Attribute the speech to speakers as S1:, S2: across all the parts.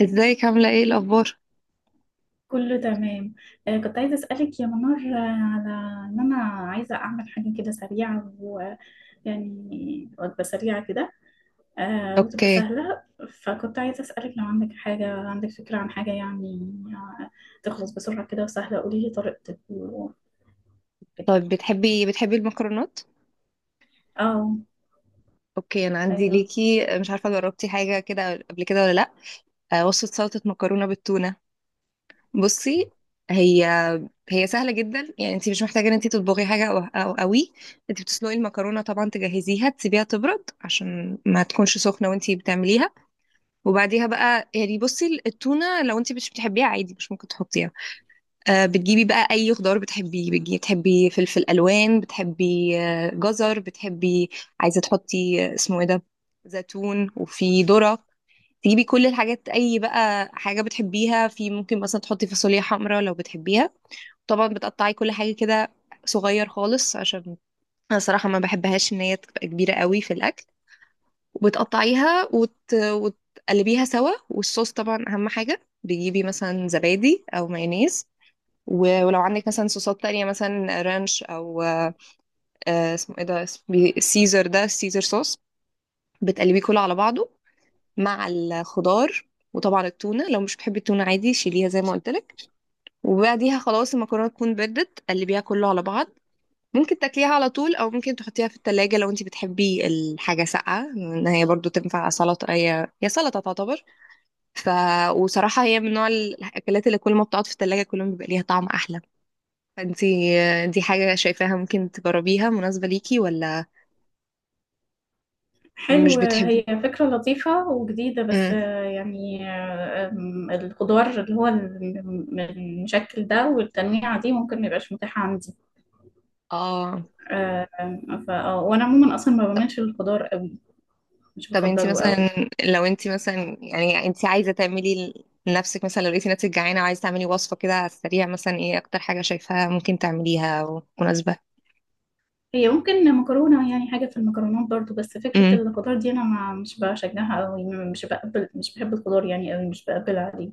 S1: ازيك، عاملة ايه الأخبار؟
S2: كله تمام. كنت عايزة أسألك يا منار، على إن أنا عايزة أعمل حاجة كده سريعة، ويعني وجبة سريعة كده، وتبقى
S1: اوكي.
S2: سهلة. فكنت عايزة أسألك لو عندك حاجة، عندك فكرة عن حاجة يعني آه، تخلص بسرعة كده وسهلة. قولي لي طريقتك وكده.
S1: طيب، بتحبي المكرونات؟
S2: اه.
S1: اوكي، أنا عندي
S2: أيوه.
S1: ليكي، مش عارفة جربتي حاجة كده قبل كده ولا لأ؟ وصفة سلطة مكرونة بالتونة. بصي، هي هي سهلة جدا، يعني انت مش محتاجة ان انت تطبخي حاجة أو قوي. انت بتسلقي المكرونة طبعا، تجهزيها تسيبيها تبرد عشان ما تكونش سخنة وانت بتعمليها. وبعديها بقى، يعني، بصي، التونة لو انت مش بتحبيها عادي، مش ممكن تحطيها. بتجيبي بقى اي خضار بتحبيه، بتجيبي، بتحبي فلفل الوان، بتحبي جزر، بتحبي عايزه تحطي، اسمه ايه ده، زيتون، وفي ذره. تجيبي كل الحاجات، اي بقى حاجه بتحبيها في، ممكن مثلا تحطي فاصوليا حمراء لو بتحبيها. طبعا بتقطعي كل حاجه كده صغير خالص، عشان انا صراحه ما بحبهاش ان هي تبقى كبيره قوي في الاكل. وبتقطعيها وتقلبيها سوا. والصوص، طبعا اهم حاجه، بتجيبي مثلا زبادي او مايونيز. ولو عندك مثلا صوصات تانية، مثلا رانش او اسمه ايه ده، اسمه سيزر، ده سيزر صوص. بتقلبيه كله على بعضه مع الخضار. وطبعا التونة، لو مش بتحبي التونة عادي، شيليها زي ما قلت لك. وبعديها خلاص المكرونة تكون بردت، قلبيها كله على بعض. ممكن تاكليها على طول، او ممكن تحطيها في التلاجة لو انت بتحبي الحاجة ساقعة، ان هي برضو تنفع سلطة، هي سلطة تعتبر. ف وصراحة هي من نوع الاكلات اللي كل ما بتقعد في التلاجة كل ما بيبقى ليها طعم احلى. فانتي دي حاجة شايفاها ممكن تجربيها، مناسبة ليكي ولا؟ مش
S2: حلو،
S1: بتحبي؟
S2: هي فكرة لطيفة وجديدة، بس
S1: امم
S2: يعني آه، آم، الخضار اللي هو المشكل ده والتنويعة دي ممكن ميبقاش متاحة عندي.
S1: اه.
S2: آه، فا آه، وانا عموما اصلا ما بعملش الخضار قوي. مش
S1: طب انتي
S2: بفضله
S1: مثلا،
S2: قوي.
S1: لو انتي مثلا يعني انتي عايزة تعملي لنفسك، مثلا لو لقيتي نفسك جعانة وعايزة تعملي وصفة كده على السريع، مثلا ايه اكتر حاجة شايفاها ممكن تعمليها او مناسبة؟
S2: هي ممكن مكرونه، يعني حاجه في المكرونات برضو، بس فكره
S1: امم
S2: الخضار دي انا ما مش بشجعها قوي، مش بحب الخضار يعني قوي، مش بقبل عليه.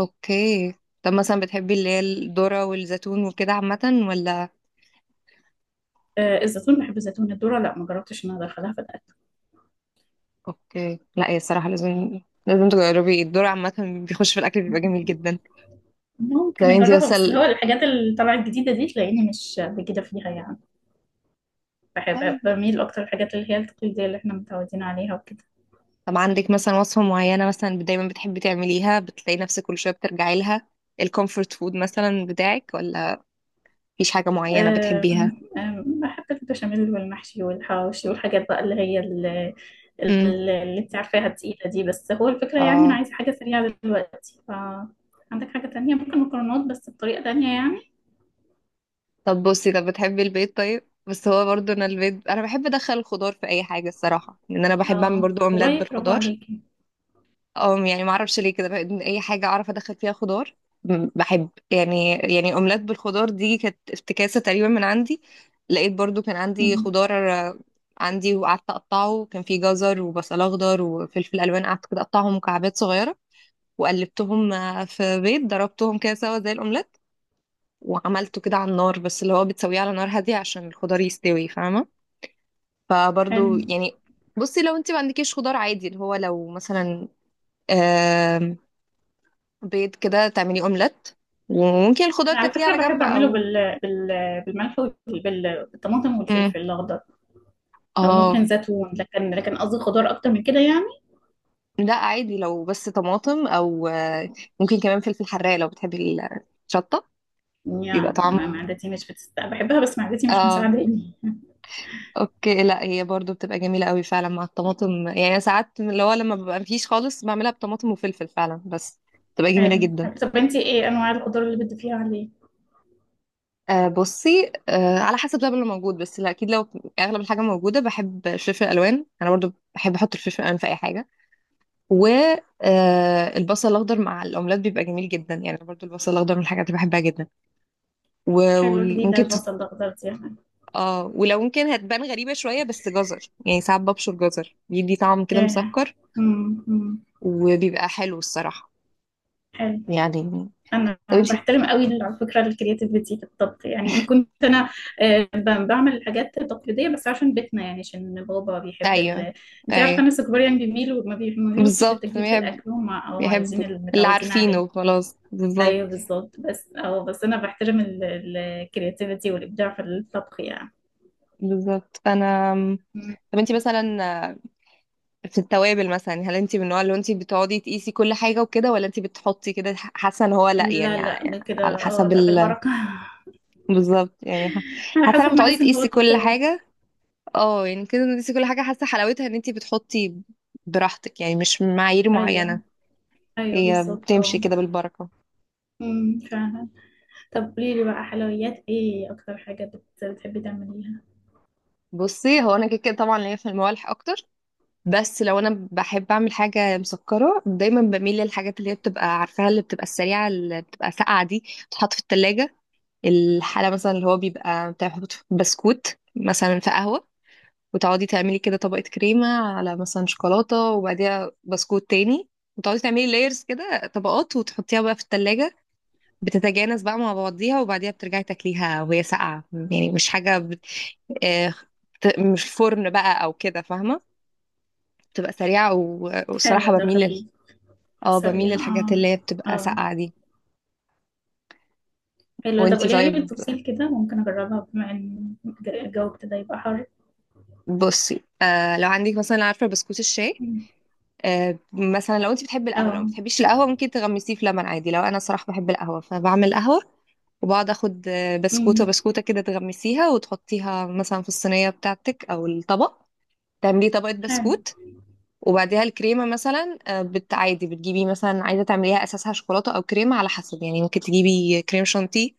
S1: اوكي. طب مثلا، بتحبي اللي هي الذرة والزيتون وكده عامة ولا؟
S2: الزيتون، بحب الزيتون. الذره لا، ما جربتش ان انا ادخلها في الاكل.
S1: اوكي. لا هي الصراحة لازم تجربي الذرة عامة، بيخش في الأكل بيبقى جميل جدا. طب
S2: ممكن
S1: انتي
S2: اجربها، بس اللي
S1: مثلا،
S2: هو الحاجات اللي طالعه الجديده دي تلاقيني مش بجد فيها يعني.
S1: طيب،
S2: بميل اكتر الحاجات اللي هي التقليديه اللي احنا متعودين عليها وكده.
S1: طب عندك مثلا وصفة معينة مثلا دايما بتحبي تعمليها، بتلاقي نفسك كل شوية بترجعي لها، الكومفورت فود مثلا بتاعك، ولا مفيش حاجة معينة بتحبيها؟
S2: أم- أم، بحب البشاميل والمحشي والحواوشي والحاجات بقى اللي هي ال- ال-
S1: امم
S2: اللي انت عارفاها التقيلة دي، بس هو الفكرة يعني انا
S1: اه.
S2: عايزة حاجة سريعة دلوقتي، ف عندك حاجة تانية؟ ممكن مكرونات بس بطريقة تانية يعني.
S1: طب بصي، طب بتحبي البيض؟ طيب. بس هو برضو انا البيض، انا بحب ادخل الخضار في اي حاجة الصراحة، لان انا بحب اعمل
S2: اه
S1: برضو اومليت
S2: والله، برافو
S1: بالخضار.
S2: عليكي.
S1: اه، يعني ما اعرفش ليه كده اي حاجه اعرف ادخل فيها خضار. بحب، يعني اومليت بالخضار دي كانت افتكاسه تقريبا من عندي. لقيت برضو كان عندي
S2: مم.
S1: خضار. عندي، وقعدت اقطعه، كان في جزر وبصل اخضر وفلفل الوان، قعدت كده اقطعهم مكعبات صغيره. وقلبتهم في بيض، ضربتهم كده سوا زي الاومليت. وعملته كده على النار، بس اللي هو بتسويه على نار هاديه عشان الخضار يستوي، فاهمه؟ فبرضو،
S2: حلو.
S1: يعني، بصي، لو انت ما عندكيش خضار عادي اللي هو، لو مثلا بيض كده تعملي اومليت. وممكن الخضار
S2: انا على
S1: تاكليه
S2: فكرة
S1: على جنب
S2: بحب اعمله
S1: او
S2: بالملح بالطماطم
S1: مم.
S2: والفلفل الاخضر. او
S1: اه،
S2: ممكن زيتون، لكن قصدي خضار اكتر من كده يعني.
S1: لا عادي، لو بس طماطم او ممكن كمان فلفل حراق لو بتحبي الشطه، بيبقى
S2: يعني
S1: طعم.
S2: معدتي مش بحبها، بس معدتي مش
S1: اه،
S2: مساعداني.
S1: اوكي. لا هي برضو بتبقى جميله قوي فعلا مع الطماطم، يعني أنا ساعات اللي هو لما ببقى مفيش خالص بعملها بطماطم وفلفل فعلا، بس بتبقى جميله
S2: حلو،
S1: جدا.
S2: حلو. طب انتي ايه انواع الخضار اللي بتضيفيها عليه؟
S1: بصي، على حسب بقى اللي موجود، بس لا اكيد لو اغلب الحاجه موجوده، بحب الفلفل الالوان، انا برضو بحب احط الفلفل الالوان في اي حاجه. والبصل الاخضر مع الاومليت بيبقى جميل جدا، يعني برضو البصل الاخضر من الحاجات اللي بحبها جدا.
S2: حلو، جديدة
S1: وممكن
S2: البصل الاخضر دي يعني.
S1: اه، ولو ممكن هتبان غريبة شوية، بس جزر، يعني ساعات ببشر جزر، بيدي طعم كده
S2: ياه.
S1: مسكر
S2: أمم، أمم.
S1: وبيبقى حلو الصراحة،
S2: حلو.
S1: يعني.
S2: انا
S1: طب انتي،
S2: بحترم قوي على فكره الكرياتيفيتي في الطبخ، يعني ان كنت انا بعمل الحاجات التقليديه، بس عشان بيتنا، يعني عشان بابا بيحب
S1: ايوه،
S2: انت عارفه
S1: ايوه،
S2: الناس الكبار يعني ما بيميلوش
S1: بالظبط،
S2: للتجديد في
S1: بيحب
S2: الاكل، هم اه عايزين
S1: بيحب اللي
S2: المتعودين عليه.
S1: عارفينه خلاص، بالظبط.
S2: ايوه بالظبط، بس انا بحترم الكرياتيفيتي والابداع في الطبخ يعني.
S1: بالظبط فانا، طب انتي مثلا في التوابل مثلا، هل انت من النوع اللي انت بتقعدي تقيسي كل حاجه وكده، ولا انت بتحطي كده، حاسه ان هو لا
S2: لا،
S1: يعني،
S2: لا
S1: يعني
S2: ده
S1: على
S2: كده اه
S1: حسب
S2: لا بالبركة.
S1: بالظبط. يعني
S2: على
S1: حاسه
S2: حسب
S1: لما
S2: ما
S1: تقعدي
S2: احس ان هو
S1: تقيسي كل
S2: كفاية.
S1: حاجه، اه يعني كده تقيسي كل حاجه حاسه حلاوتها، ان انت بتحطي براحتك يعني، مش معايير معينه،
S2: ايوه، ايوه،
S1: هي
S2: بالظبط،
S1: بتمشي
S2: اه.
S1: كده بالبركه.
S2: امم، فعلا. طب قولي لي بقى، حلويات ايه اكتر حاجة بتحبي تعمليها؟
S1: بصي، هو انا كده كده طبعا ليا في الموالح اكتر. بس لو انا بحب اعمل حاجه مسكره، دايما بميل للحاجات اللي هي بتبقى عارفاها، اللي بتبقى السريعه، اللي بتبقى ساقعه دي، بتتحط في التلاجة. الحالة مثلا اللي هو بيبقى، بتاخد بسكوت مثلا في قهوة، وتقعدي تعملي كده طبقة كريمة على مثلا شوكولاتة، وبعديها بسكوت تاني، وتقعدي تعملي لايرز كده طبقات، وتحطيها بقى في التلاجة، بتتجانس بقى مع بعضيها، وبعديها بترجعي تاكليها وهي ساقعة، يعني مش حاجة آه، مش فرن بقى أو كده، فاهمة؟ بتبقى سريعة،
S2: حلو،
S1: والصراحة
S2: ده
S1: بميل
S2: خفيف.
S1: اه، بميل
S2: سريع،
S1: للحاجات
S2: اه.
S1: اللي هي بتبقى
S2: اه.
S1: ساقعة دي.
S2: حلو، طب
S1: وانتي
S2: قوليها لي
S1: طيب،
S2: بالتفصيل كده، ممكن اجربها بما ان الجو ابتدى يبقى حر.
S1: بصي، لو عندك مثلا عارفة بسكوت الشاي،
S2: أمم.
S1: مثلا لو انت بتحبي القهوه، لو ما
S2: اه.
S1: بتحبيش القهوه ممكن تغمسيه في لبن عادي، لو انا صراحه بحب القهوه فبعمل قهوه، وبقعد اخد بسكوته
S2: امم.
S1: بسكوته كده تغمسيها، وتحطيها مثلا في الصينيه بتاعتك او الطبق، تعملي طبقه
S2: حلو.
S1: بسكوت. وبعديها الكريمه مثلا، عادي بتجيبي مثلا، عايزه تعمليها اساسها شوكولاته او كريمه على حسب يعني، ممكن تجيبي كريم شانتيه،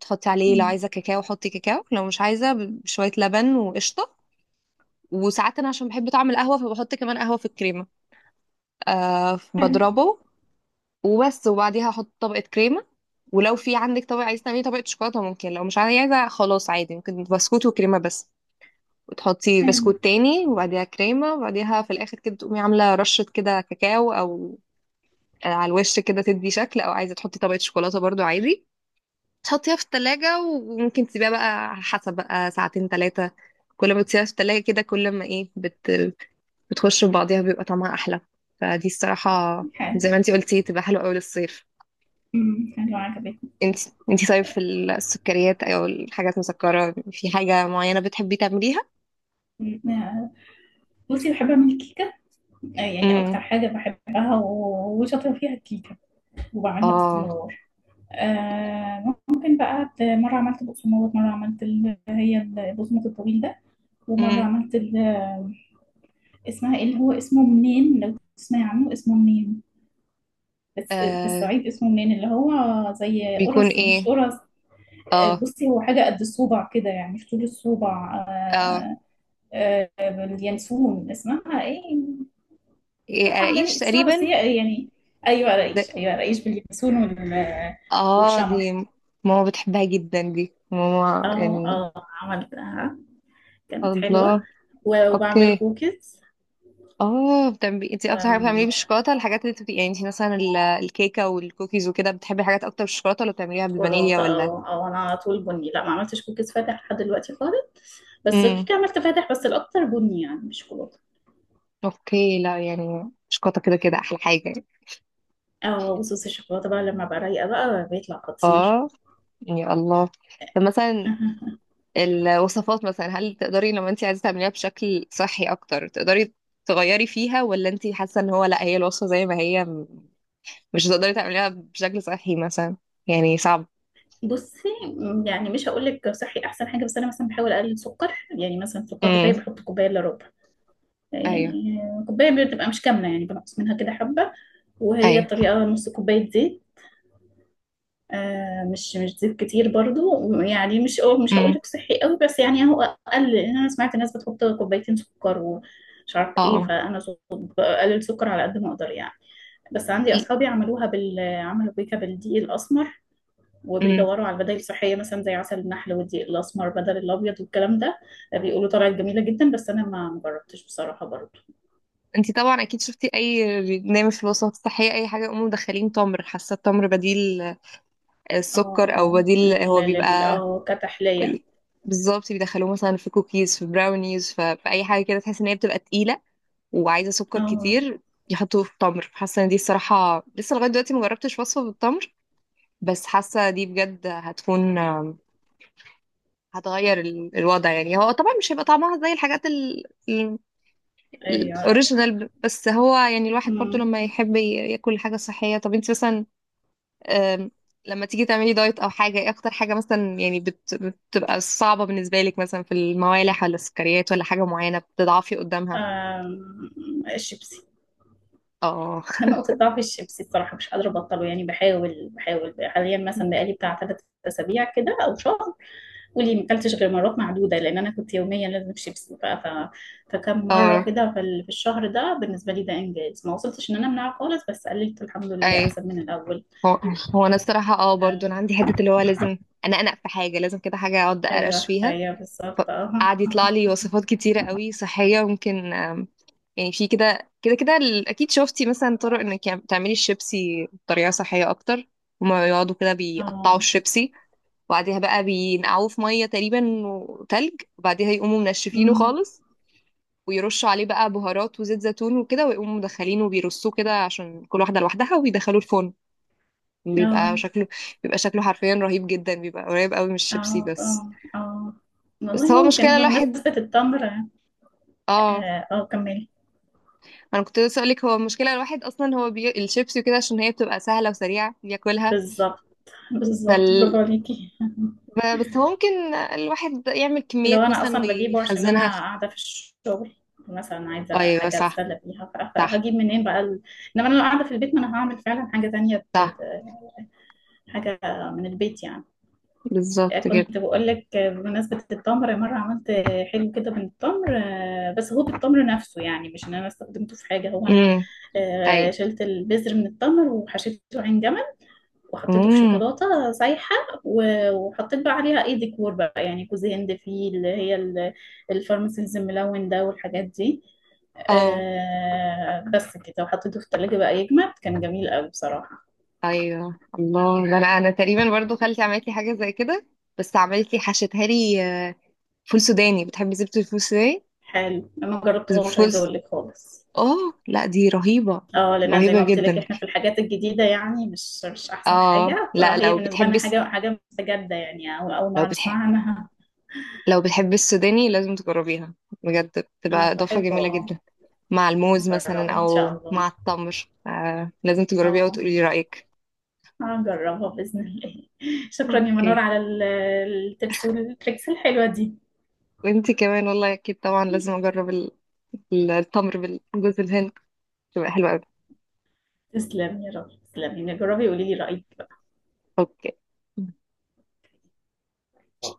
S1: تحطي عليه لو
S2: أمم.
S1: عايزه كاكاو حطي كاكاو، لو مش عايزه بشويه لبن وقشطه. وساعات انا عشان بحب طعم القهوه فبحط كمان قهوه في الكريمه،
S2: حلو،
S1: بضربه، وبس. وبعديها احط طبقه كريمه، ولو في عندك طبقه عايزه تعملي طبقه شوكولاته ممكن، لو مش عايزه خلاص عادي ممكن بسكوت وكريمه بس، وتحطي
S2: حلو،
S1: بسكوت تاني، وبعديها كريمه، وبعديها في الاخر كده تقومي عامله رشه كده كاكاو او على الوش كده تدي شكل، او عايزه تحطي طبقه شوكولاته برضو عادي. تحطيها في التلاجة، وممكن تسيبيها بقى على حسب بقى ساعتين 3، كل ما بتسيبها في التلاجة كده كل ما ايه بتخش في بعضيها بيبقى طعمها أحلى، فدي الصراحة زي
S2: حلو.
S1: ما انتي قلتي، تبقى حلوة أوي للصيف.
S2: أمم، حلو عجبتني.
S1: انت انت طيب، في السكريات او الحاجات المسكرة، في حاجة معينة بتحبي تعمليها؟
S2: أمم. بصي بحب اعمل كيكة، يعني
S1: امم
S2: أكتر حاجة بحبها و- وشاطرة فيها الكيكة، وبعملها
S1: اه.
S2: باستمرار. ممكن بقى مرة عملت بقسماط، مرة عملت هي البقسماط الطويل ده، ومرة
S1: امم
S2: عملت اسمها ايه؟ اللي هو اسمه منين، لو تسمعي عنه اسمه منين، بس في
S1: آه
S2: الصعيد اسمه منين، اللي هو زي
S1: بيكون
S2: قرص مش
S1: ايه؟
S2: قرص.
S1: اه،
S2: بصي هو حاجة قد الصوبع كده، يعني في طول الصوبع.
S1: اه،
S2: آه، اليانسون، اسمها ايه؟
S1: ايه،
S2: ترحم بني
S1: قراقيش
S2: اسمها، بس
S1: تقريبا.
S2: هي يعني. ايوه رئيش،
S1: ده،
S2: ايوه رئيش، باليانسون
S1: اه
S2: والشمر.
S1: دي، ماما بتحبها جدا دي ماما
S2: اه،
S1: يعني.
S2: اه عملتها، كانت حلوة.
S1: الله.
S2: و- وبعمل
S1: اوكي.
S2: كوكيز
S1: اه، بتعملي انت اكتر حاجة بتعمليه
S2: وشوكولاتة.
S1: بالشوكولاتة، الحاجات اللي بتبقي يعني انت مثلا الكيكة والكوكيز وكده، بتحبي حاجات اكتر بالشوكولاتة ولا بتعمليها
S2: اه،
S1: بالفانيليا ولا؟
S2: اه، انا على طول بني، لا ما عملتش كوكيز فاتح لحد دلوقتي خالص. بس
S1: امم
S2: الكيكة عملت فاتح، بس الاكتر بني يعني، مش شوكولاتة.
S1: اوكي. لا، يعني شوكولاته كده كده احلى حاجه.
S2: اه، وصوص الشوكولاتة بقى لما بقى رايقة بقى بيطلع خطير.
S1: اه، يا الله. طب مثلا الوصفات مثلا، هل تقدري لما انت عايزه تعمليها بشكل صحي اكتر، تقدري تغيري فيها، ولا انت حاسه ان هو لا، هي الوصفه زي ما هي مش هتقدري تعمليها بشكل صحي مثلا، يعني صعب؟
S2: بصي، يعني مش هقول لك صحي احسن حاجه، بس انا مثلا بحاول اقلل سكر. يعني مثلا السكر بتاعي
S1: امم
S2: بحط كوبايه الا ربع،
S1: ايوه،
S2: يعني كوباية بتبقى مش كاملة، يعني بنقص منها كده حبة. وهي
S1: ايوه.
S2: الطريقة نص كوباية زيت، مش زيت كتير برضو يعني. مش هقول
S1: امم
S2: لك صحي قوي، بس يعني هو اقل، لأن انا سمعت الناس بتحط كوبايتين سكر ومش عارف ايه،
S1: اه.
S2: فانا بقلل سكر على قد ما اقدر يعني. بس عندي اصحابي عملوها بال عملوا بيكا بالدقيق الاسمر،
S1: امم
S2: وبيدوروا على البدائل الصحيه مثلا زي عسل النحل والدقيق الاسمر بدل الابيض والكلام ده. بيقولوا طلعت جميله جدا، بس انا ما جربتش بصراحه برضو.
S1: انت طبعا اكيد شفتي اي برنامج في الوصفات الصحيه، اي حاجه يقوموا مدخلين تمر، حاسه التمر بديل السكر، او
S2: اه،
S1: بديل،
S2: لل
S1: هو
S2: لل
S1: بيبقى،
S2: اه كتحلية.
S1: بالظبط، بيدخلوه مثلا في كوكيز، في براونيز، في اي حاجه كده تحس ان هي بتبقى تقيله وعايزه سكر
S2: اه،
S1: كتير، يحطوه في التمر. حاسه ان دي الصراحه لسه لغايه دلوقتي مجربتش وصفه بالتمر، بس حاسه دي بجد هتكون هتغير الوضع، يعني هو طبعا مش هيبقى طعمها زي الحاجات ال-
S2: ايوه، ايوه.
S1: الاوريجينال، بس هو يعني الواحد برضو
S2: أمم.
S1: لما يحب ياكل حاجه صحيه. طب انت مثلا، أم، لما تيجي تعملي دايت او حاجه، ايه اكتر حاجه مثلا يعني بتبقى صعبه بالنسبه لك، مثلا في الموالح ولا السكريات ولا حاجه معينه بتضعفي قدامها؟
S2: الشيبسي.
S1: اه.
S2: نقطة ضعف الشيبسي الصراحة، مش قادرة أبطله يعني. بحاول، بحاول حاليا، مثلا بقالي بتاع 3 أسابيع كده أو شهر، ولي ما أكلتش غير مرات معدودة، لأن أنا كنت يوميا لازم شيبسي. فكم مرة
S1: اه.
S2: كده في في الشهر ده بالنسبة لي ده إنجاز، ما وصلتش إن أنا أمنعه خالص، بس قللت الحمد لله
S1: اي،
S2: أحسن من الأول.
S1: هو هو انا الصراحه، اه، برضو انا
S2: آم،
S1: عندي حته اللي هو لازم، انا انق في حاجه، لازم كده حاجه اقعد اقرقش
S2: أيوه،
S1: فيها.
S2: أيوه، بالظبط، أه.
S1: فقعد يطلع لي وصفات كتيره قوي صحيه ممكن، يعني في كده اكيد شفتي مثلا طرق انك يعني تعملي الشيبسي بطريقه صحيه اكتر. هما يقعدوا كده بيقطعوا
S2: أه،
S1: الشيبسي، وبعديها بقى بينقعوه في ميه تقريبا وتلج، وبعديها يقوموا منشفينه
S2: أمم.
S1: خالص، ويرشوا عليه بقى بهارات وزيت زيتون وكده، ويقوموا مدخلينه وبيرصوه كده عشان كل واحده لوحدها، ويدخلوه الفرن.
S2: اه،
S1: بيبقى شكله بيبقى شكله حرفيا رهيب جدا، بيبقى قريب قوي من الشيبسي،
S2: اه،
S1: بس،
S2: اه، اه
S1: بس
S2: والله،
S1: هو مشكله
S2: ممكن
S1: الواحد.
S2: بمناسبة التمر، اه.
S1: اه،
S2: كملي.
S1: انا كنت لسه اقولك، هو المشكله الواحد اصلا هو الشيبسي وكده عشان هي بتبقى سهله وسريعه بياكلها.
S2: بالظبط، بالظبط،
S1: فال...
S2: برافو عليكي.
S1: بس هو ممكن الواحد يعمل
S2: لو
S1: كميات
S2: انا
S1: مثلا
S2: اصلا بجيبه عشان انا
S1: ويخزنها.
S2: قاعدة في الشغل، مثلا عايزة
S1: ايوه،
S2: حاجة
S1: صح،
S2: اتسلى بيها،
S1: صح،
S2: فهجيب منين بقى انما انا لو قاعدة في البيت، ما انا هعمل فعلا حاجة تانية
S1: صح،
S2: حاجة من البيت يعني.
S1: بالظبط كده.
S2: كنت بقول لك، بمناسبة التمر مرة عملت حلو كده من التمر، بس هو بالتمر نفسه يعني، مش ان انا استخدمته في حاجة، هو انا
S1: امم ايوه.
S2: شلت البذر من التمر وحشيته عين جمل، وحطيته في
S1: امم
S2: شوكولاتة سايحة، و- وحطيت بقى عليها ايه ديكور بقى يعني كوز هند فيه، اللي هي الفارماسيز الملون ده والحاجات دي.
S1: اه.
S2: بس كده، وحطيته في التلاجة بقى يجمد. كان جميل قوي بصراحة.
S1: ايوه، الله، ده انا تقريبا برضو خالتي عملت لي حاجه زي كده، بس عملت لي، حشتها لي، آه، فول سوداني، بتحبي زبده الفول السوداني؟
S2: حلو، انا ما جربتهوش
S1: فول
S2: عايزة
S1: س-
S2: اقول لك خالص.
S1: اه، لا دي رهيبه،
S2: اه، لان زي
S1: رهيبه
S2: ما قلت لك
S1: جدا.
S2: احنا في الحاجات الجديده يعني مش احسن
S1: اه،
S2: حاجه،
S1: لا
S2: فهي
S1: لو
S2: بالنسبه
S1: بتحبي
S2: لنا حاجه، حاجه مستجده يعني، أو اول
S1: لو
S2: مره
S1: بتحب
S2: نسمعها عنها.
S1: لو بتحبي السوداني لازم تجربيها بجد، بتبقى
S2: انا
S1: اضافه
S2: بحبه،
S1: جميله
S2: اه.
S1: جدا مع الموز مثلا
S2: هجربها ان
S1: او
S2: شاء الله.
S1: مع التمر. لازم تجربيها
S2: اه.
S1: وتقولي رايك.
S2: هجربها باذن الله. شكرا يا منور
S1: اوكي،
S2: على التبس والتريكس الحلوه دي.
S1: وانتي كمان والله، اكيد طبعا لازم اجرب التمر بالجوز الهند، تبقى حلوة قوي.
S2: تسلمي يا رب، تسلمي، جربي وقولي لي رايك
S1: اوكي.
S2: بقى.